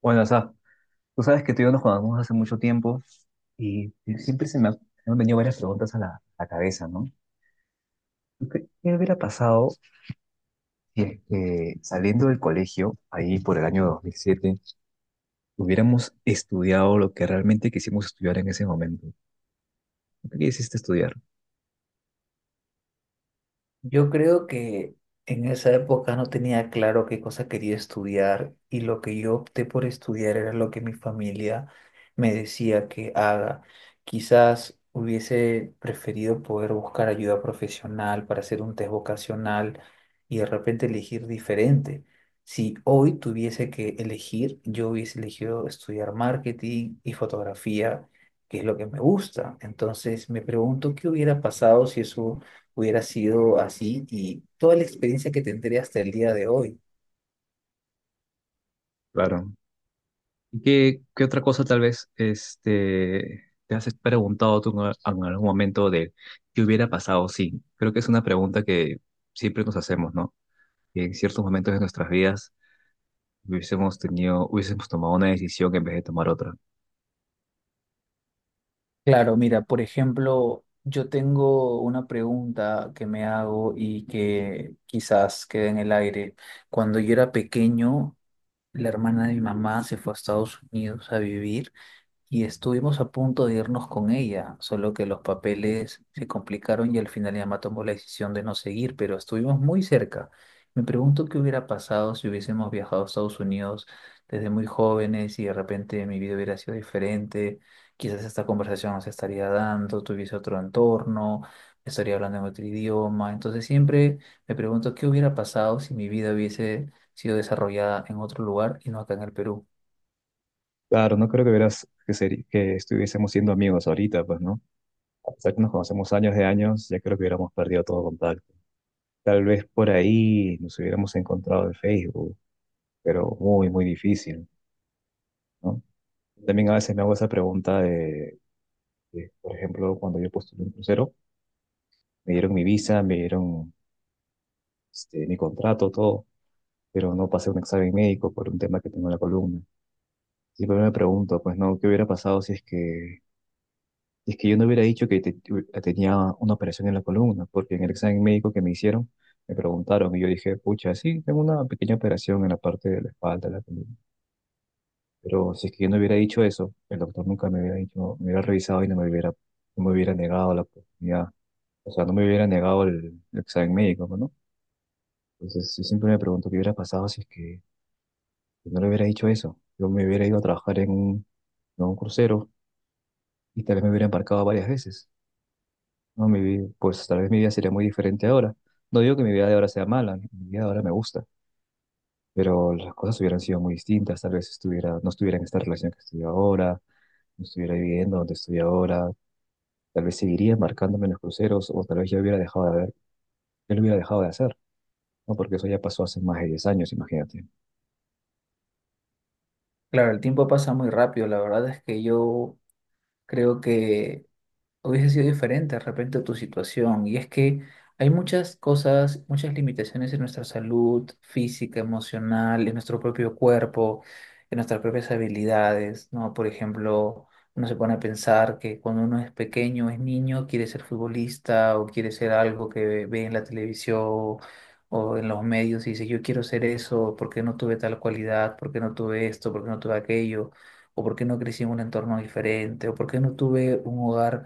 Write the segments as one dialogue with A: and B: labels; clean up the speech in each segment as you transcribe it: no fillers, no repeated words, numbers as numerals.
A: Bueno, o sea, tú sabes que tú y yo nos conocemos hace mucho tiempo y siempre me han venido varias preguntas a a la cabeza, ¿no? ¿Tú ¿Qué, qué hubiera pasado si es que saliendo del colegio, ahí por el año 2007 hubiéramos estudiado lo que realmente quisimos estudiar en ese momento? ¿Lo que quisiste estudiar?
B: Yo creo que en esa época no tenía claro qué cosa quería estudiar y lo que yo opté por estudiar era lo que mi familia me decía que haga. Quizás hubiese preferido poder buscar ayuda profesional para hacer un test vocacional y de repente elegir diferente. Si hoy tuviese que elegir, yo hubiese elegido estudiar marketing y fotografía, que es lo que me gusta. Entonces me pregunto qué hubiera pasado si eso hubiera sido así y toda la experiencia que tendría hasta el día de hoy.
A: Claro. ¿Y qué, qué otra cosa tal vez te has preguntado tú en algún momento de qué hubiera pasado? Sí, creo que es una pregunta que siempre nos hacemos, ¿no? Que en ciertos momentos de nuestras vidas hubiésemos hubiésemos tomado una decisión en vez de tomar otra.
B: Claro, mira, por ejemplo, yo tengo una pregunta que me hago y que quizás quede en el aire. Cuando yo era pequeño, la hermana de mi mamá se fue a Estados Unidos a vivir y estuvimos a punto de irnos con ella, solo que los papeles se complicaron y al final ella más tomó la decisión de no seguir, pero estuvimos muy cerca. Me pregunto qué hubiera pasado si hubiésemos viajado a Estados Unidos desde muy jóvenes y de repente mi vida hubiera sido diferente. Quizás esta conversación no se estaría dando, tuviese otro entorno, estaría hablando en otro idioma. Entonces siempre me pregunto qué hubiera pasado si mi vida hubiese sido desarrollada en otro lugar y no acá en el Perú.
A: Claro, no creo que estuviésemos siendo amigos ahorita, pues, ¿no? A pesar que nos conocemos años de años, ya creo que hubiéramos perdido todo contacto. Tal vez por ahí nos hubiéramos encontrado en Facebook, pero muy, muy difícil, ¿no? También a veces me hago esa pregunta por ejemplo, cuando yo postulé un crucero, me dieron mi visa, me dieron mi contrato, todo, pero no pasé un examen médico por un tema que tengo en la columna. Siempre me pregunto, pues, ¿no? ¿Qué hubiera pasado si es que yo no hubiera dicho que tenía una operación en la columna, porque en el examen médico que me hicieron me preguntaron y yo dije, pucha, sí, tengo una pequeña operación en la parte de la espalda, de la columna. Pero si es que yo no hubiera dicho eso, el doctor nunca me hubiera dicho, me hubiera revisado y no me no me hubiera negado la oportunidad. O sea, no me hubiera negado el examen médico, ¿no? Entonces, yo siempre me pregunto qué hubiera pasado si es que no le hubiera dicho eso. Yo me hubiera ido a trabajar en en un crucero y tal vez me hubiera embarcado varias veces. No, mi vida, pues tal vez mi vida sería muy diferente ahora. No digo que mi vida de ahora sea mala, mi vida de ahora me gusta, pero las cosas hubieran sido muy distintas, tal vez no estuviera en esta relación que estoy ahora, no estuviera viviendo donde estoy ahora, tal vez seguiría embarcándome en los cruceros o tal vez ya hubiera dejado de ver, yo lo hubiera dejado de hacer, ¿no? Porque eso ya pasó hace más de 10 años, imagínate.
B: Claro, el tiempo pasa muy rápido. La verdad es que yo creo que hubiese sido diferente de repente tu situación. Y es que hay muchas cosas, muchas limitaciones en nuestra salud física, emocional, en nuestro propio cuerpo, en nuestras propias habilidades, ¿no? Por ejemplo, uno se pone a pensar que cuando uno es pequeño, es niño, quiere ser futbolista o quiere ser algo que ve en la televisión o en los medios y dice, yo quiero ser eso. ¿Por qué no tuve tal cualidad? ¿Por qué no tuve esto? ¿Por qué no tuve aquello? ¿O por qué no crecí en un entorno diferente? ¿O por qué no tuve un hogar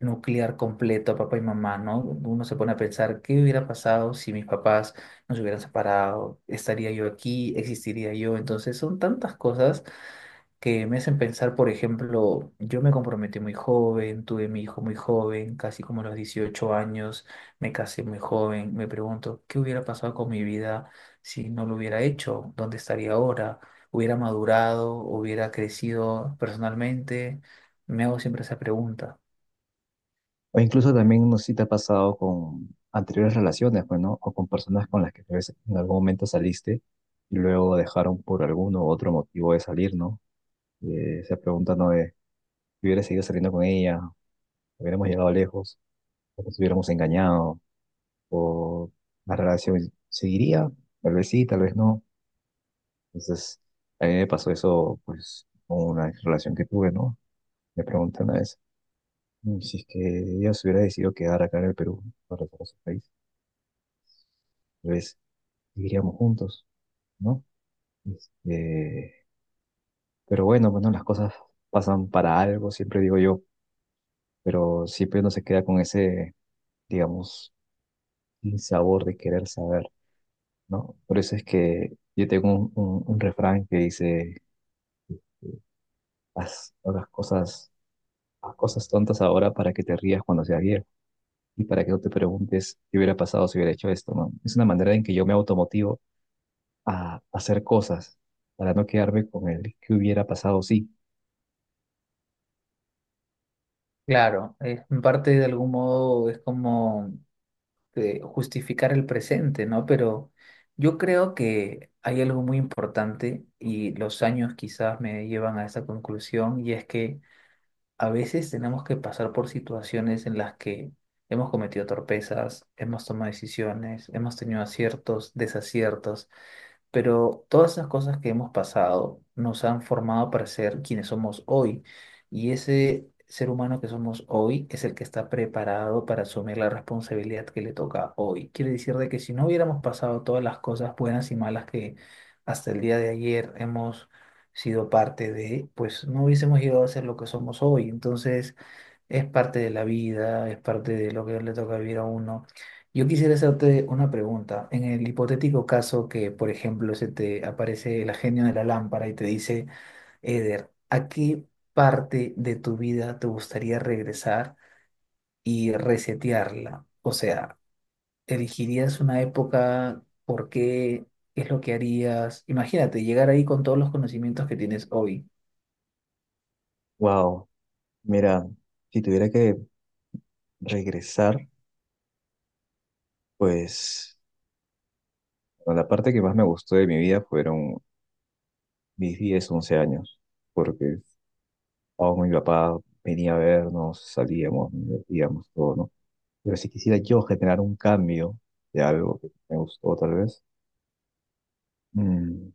B: nuclear completo a papá y mamá, ¿no? Uno se pone a pensar, ¿qué hubiera pasado si mis papás nos hubieran separado? ¿Estaría yo aquí? ¿Existiría yo? Entonces son tantas cosas que me hacen pensar. Por ejemplo, yo me comprometí muy joven, tuve mi hijo muy joven, casi como a los 18 años, me casé muy joven, me pregunto, ¿qué hubiera pasado con mi vida si no lo hubiera hecho? ¿Dónde estaría ahora? ¿Hubiera madurado? ¿Hubiera crecido personalmente? Me hago siempre esa pregunta.
A: O incluso también no sé si te ha pasado con anteriores relaciones, pues, ¿no? O con personas con las que tal vez en algún momento saliste y luego dejaron por alguno u otro motivo de salir, ¿no? Esa pregunta no es, si hubiera seguido saliendo con ella, hubiéramos llegado lejos, o nos hubiéramos engañado, o la relación seguiría, tal vez sí, tal vez no. Entonces, a mí me pasó eso, pues, con una relación que tuve, ¿no? Me preguntan una vez, si es que ella se hubiera decidido quedar acá en el Perú, para regresar a su país, tal vez seguiríamos juntos, ¿no? Este, pero bueno, las cosas pasan para algo, siempre digo yo, pero siempre uno se queda con ese, digamos, el sabor de querer saber, ¿no? Por eso es que yo tengo un refrán que dice, eh, haz las cosas, haz cosas tontas ahora para que te rías cuando seas viejo y para que no te preguntes qué hubiera pasado si hubiera hecho esto, ¿no? Es una manera en que yo me automotivo a hacer cosas para no quedarme con el que hubiera pasado sí.
B: Claro, es en parte, de algún modo, es como justificar el presente, ¿no? Pero yo creo que hay algo muy importante y los años quizás me llevan a esa conclusión, y es que a veces tenemos que pasar por situaciones en las que hemos cometido torpezas, hemos tomado decisiones, hemos tenido aciertos, desaciertos, pero todas esas cosas que hemos pasado nos han formado para ser quienes somos hoy. Y ese ser humano que somos hoy es el que está preparado para asumir la responsabilidad que le toca hoy. Quiere decir de que si no hubiéramos pasado todas las cosas buenas y malas que hasta el día de ayer hemos sido parte de, pues no hubiésemos llegado a ser lo que somos hoy. Entonces, es parte de la vida, es parte de lo que le toca vivir a uno. Yo quisiera hacerte una pregunta. En el hipotético caso que, por ejemplo, se te aparece el genio de la lámpara y te dice, Eder, ¿a qué parte de tu vida te gustaría regresar y resetearla? O sea, ¿elegirías una época? ¿Por qué? ¿Qué es lo que harías? Imagínate llegar ahí con todos los conocimientos que tienes hoy.
A: Wow, mira, si tuviera que regresar, pues bueno, la parte que más me gustó de mi vida fueron mis 10, 11 años, porque o mi papá venía a vernos, salíamos, nos divertíamos, todo, ¿no? Pero si quisiera yo generar un cambio de algo que me gustó, tal vez, mm,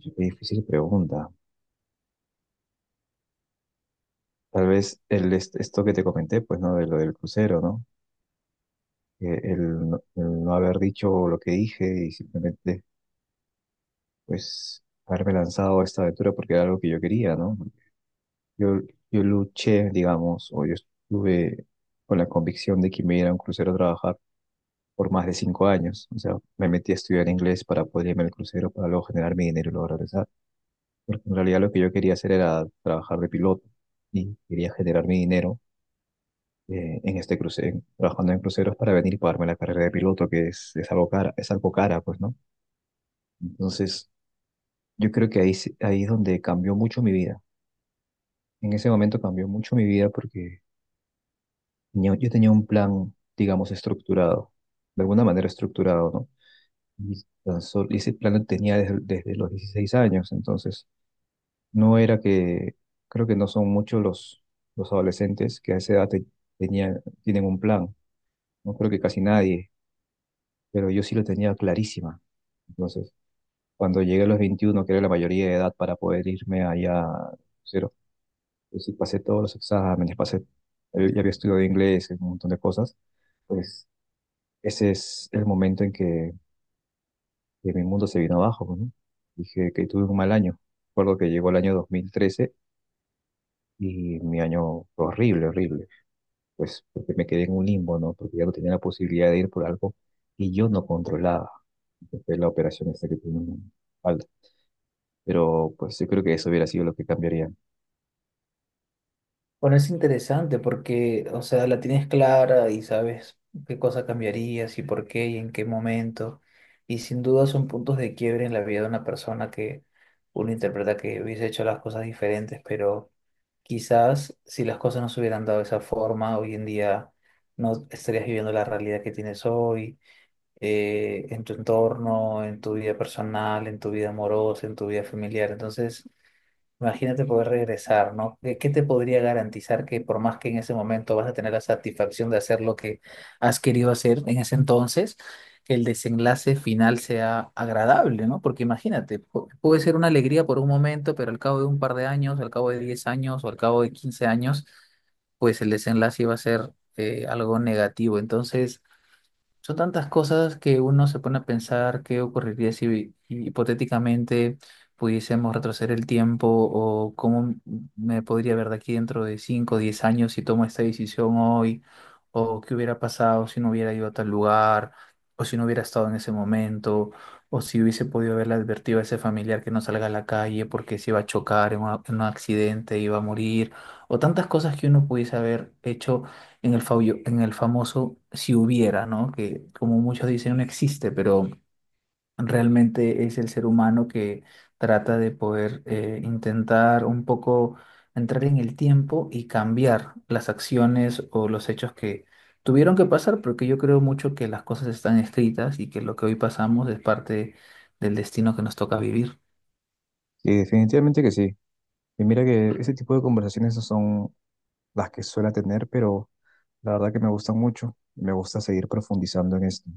A: qué difícil pregunta. Tal vez esto que te comenté, pues, ¿no? De lo del crucero, ¿no? Que no el no haber dicho lo que dije y simplemente, pues, haberme lanzado a esta aventura porque era algo que yo quería, ¿no? Yo, yo luché, digamos, o yo estuve con la convicción de que me iba a ir a un crucero a trabajar por más de 5 años. O sea, me metí a estudiar inglés para poder irme al crucero, para luego generar mi dinero y luego regresar. Porque en realidad lo que yo quería hacer era trabajar de piloto y quería generar mi dinero en este crucero, trabajando en cruceros para venir y pagarme la carrera de piloto, que es algo cara, pues, ¿no? Entonces, yo creo que ahí es donde cambió mucho mi vida. En ese momento cambió mucho mi vida porque yo tenía un plan, digamos, estructurado, de alguna manera estructurado, ¿no? Y ese plan lo tenía desde los 16 años, entonces no era que, creo que no son muchos los adolescentes que a esa edad tienen un plan, no creo que casi nadie, pero yo sí lo tenía clarísima. Entonces, cuando llegué a los 21 que era la mayoría de edad para poder irme allá, cero, pues sí pasé todos los exámenes, pasé, ya había estudiado inglés, un montón de cosas, pues ese es el momento en que mi mundo se vino abajo, ¿no? Dije que tuve un mal año. Recuerdo que llegó el año 2013 y mi año fue horrible, horrible. Pues porque me quedé en un limbo, ¿no? Porque ya no tenía la posibilidad de ir por algo y yo no controlaba. Que Fue la operación esta que tuve en la espalda. Pero pues yo creo que eso hubiera sido lo que cambiaría.
B: Bueno, es interesante porque, o sea, la tienes clara y sabes qué cosa cambiarías y por qué y en qué momento. Y sin duda son puntos de quiebre en la vida de una persona que uno interpreta que hubiese hecho las cosas diferentes, pero quizás si las cosas no se hubieran dado de esa forma, hoy en día no estarías viviendo la realidad que tienes hoy, en tu entorno, en tu vida personal, en tu vida amorosa, en tu vida familiar. Entonces... Imagínate poder regresar, ¿no? ¿Qué te podría garantizar que, por más que en ese momento vas a tener la satisfacción de hacer lo que has querido hacer en ese entonces, el desenlace final sea agradable? ¿No? Porque imagínate, puede ser una alegría por un momento, pero al cabo de un par de años, al cabo de 10 años o al cabo de 15 años, pues el desenlace iba a ser algo negativo. Entonces, son tantas cosas que uno se pone a pensar qué ocurriría si hipotéticamente pudiésemos retroceder el tiempo, o cómo me podría ver de aquí dentro de 5 o 10 años si tomo esta decisión hoy, o qué hubiera pasado si no hubiera ido a tal lugar, o si no hubiera estado en ese momento, o si hubiese podido haberle advertido a ese familiar que no salga a la calle porque se iba a chocar en un accidente, iba a morir, o tantas cosas que uno pudiese haber hecho en el, en el famoso si hubiera, ¿no? Que como muchos dicen no existe, pero realmente es el ser humano que trata de poder intentar un poco entrar en el tiempo y cambiar las acciones o los hechos que tuvieron que pasar, porque yo creo mucho que las cosas están escritas y que lo que hoy pasamos es parte del destino que nos toca vivir.
A: Sí, definitivamente que sí. Y mira que ese tipo de conversaciones no son las que suelo tener, pero la verdad que me gustan mucho. Me gusta seguir profundizando en esto.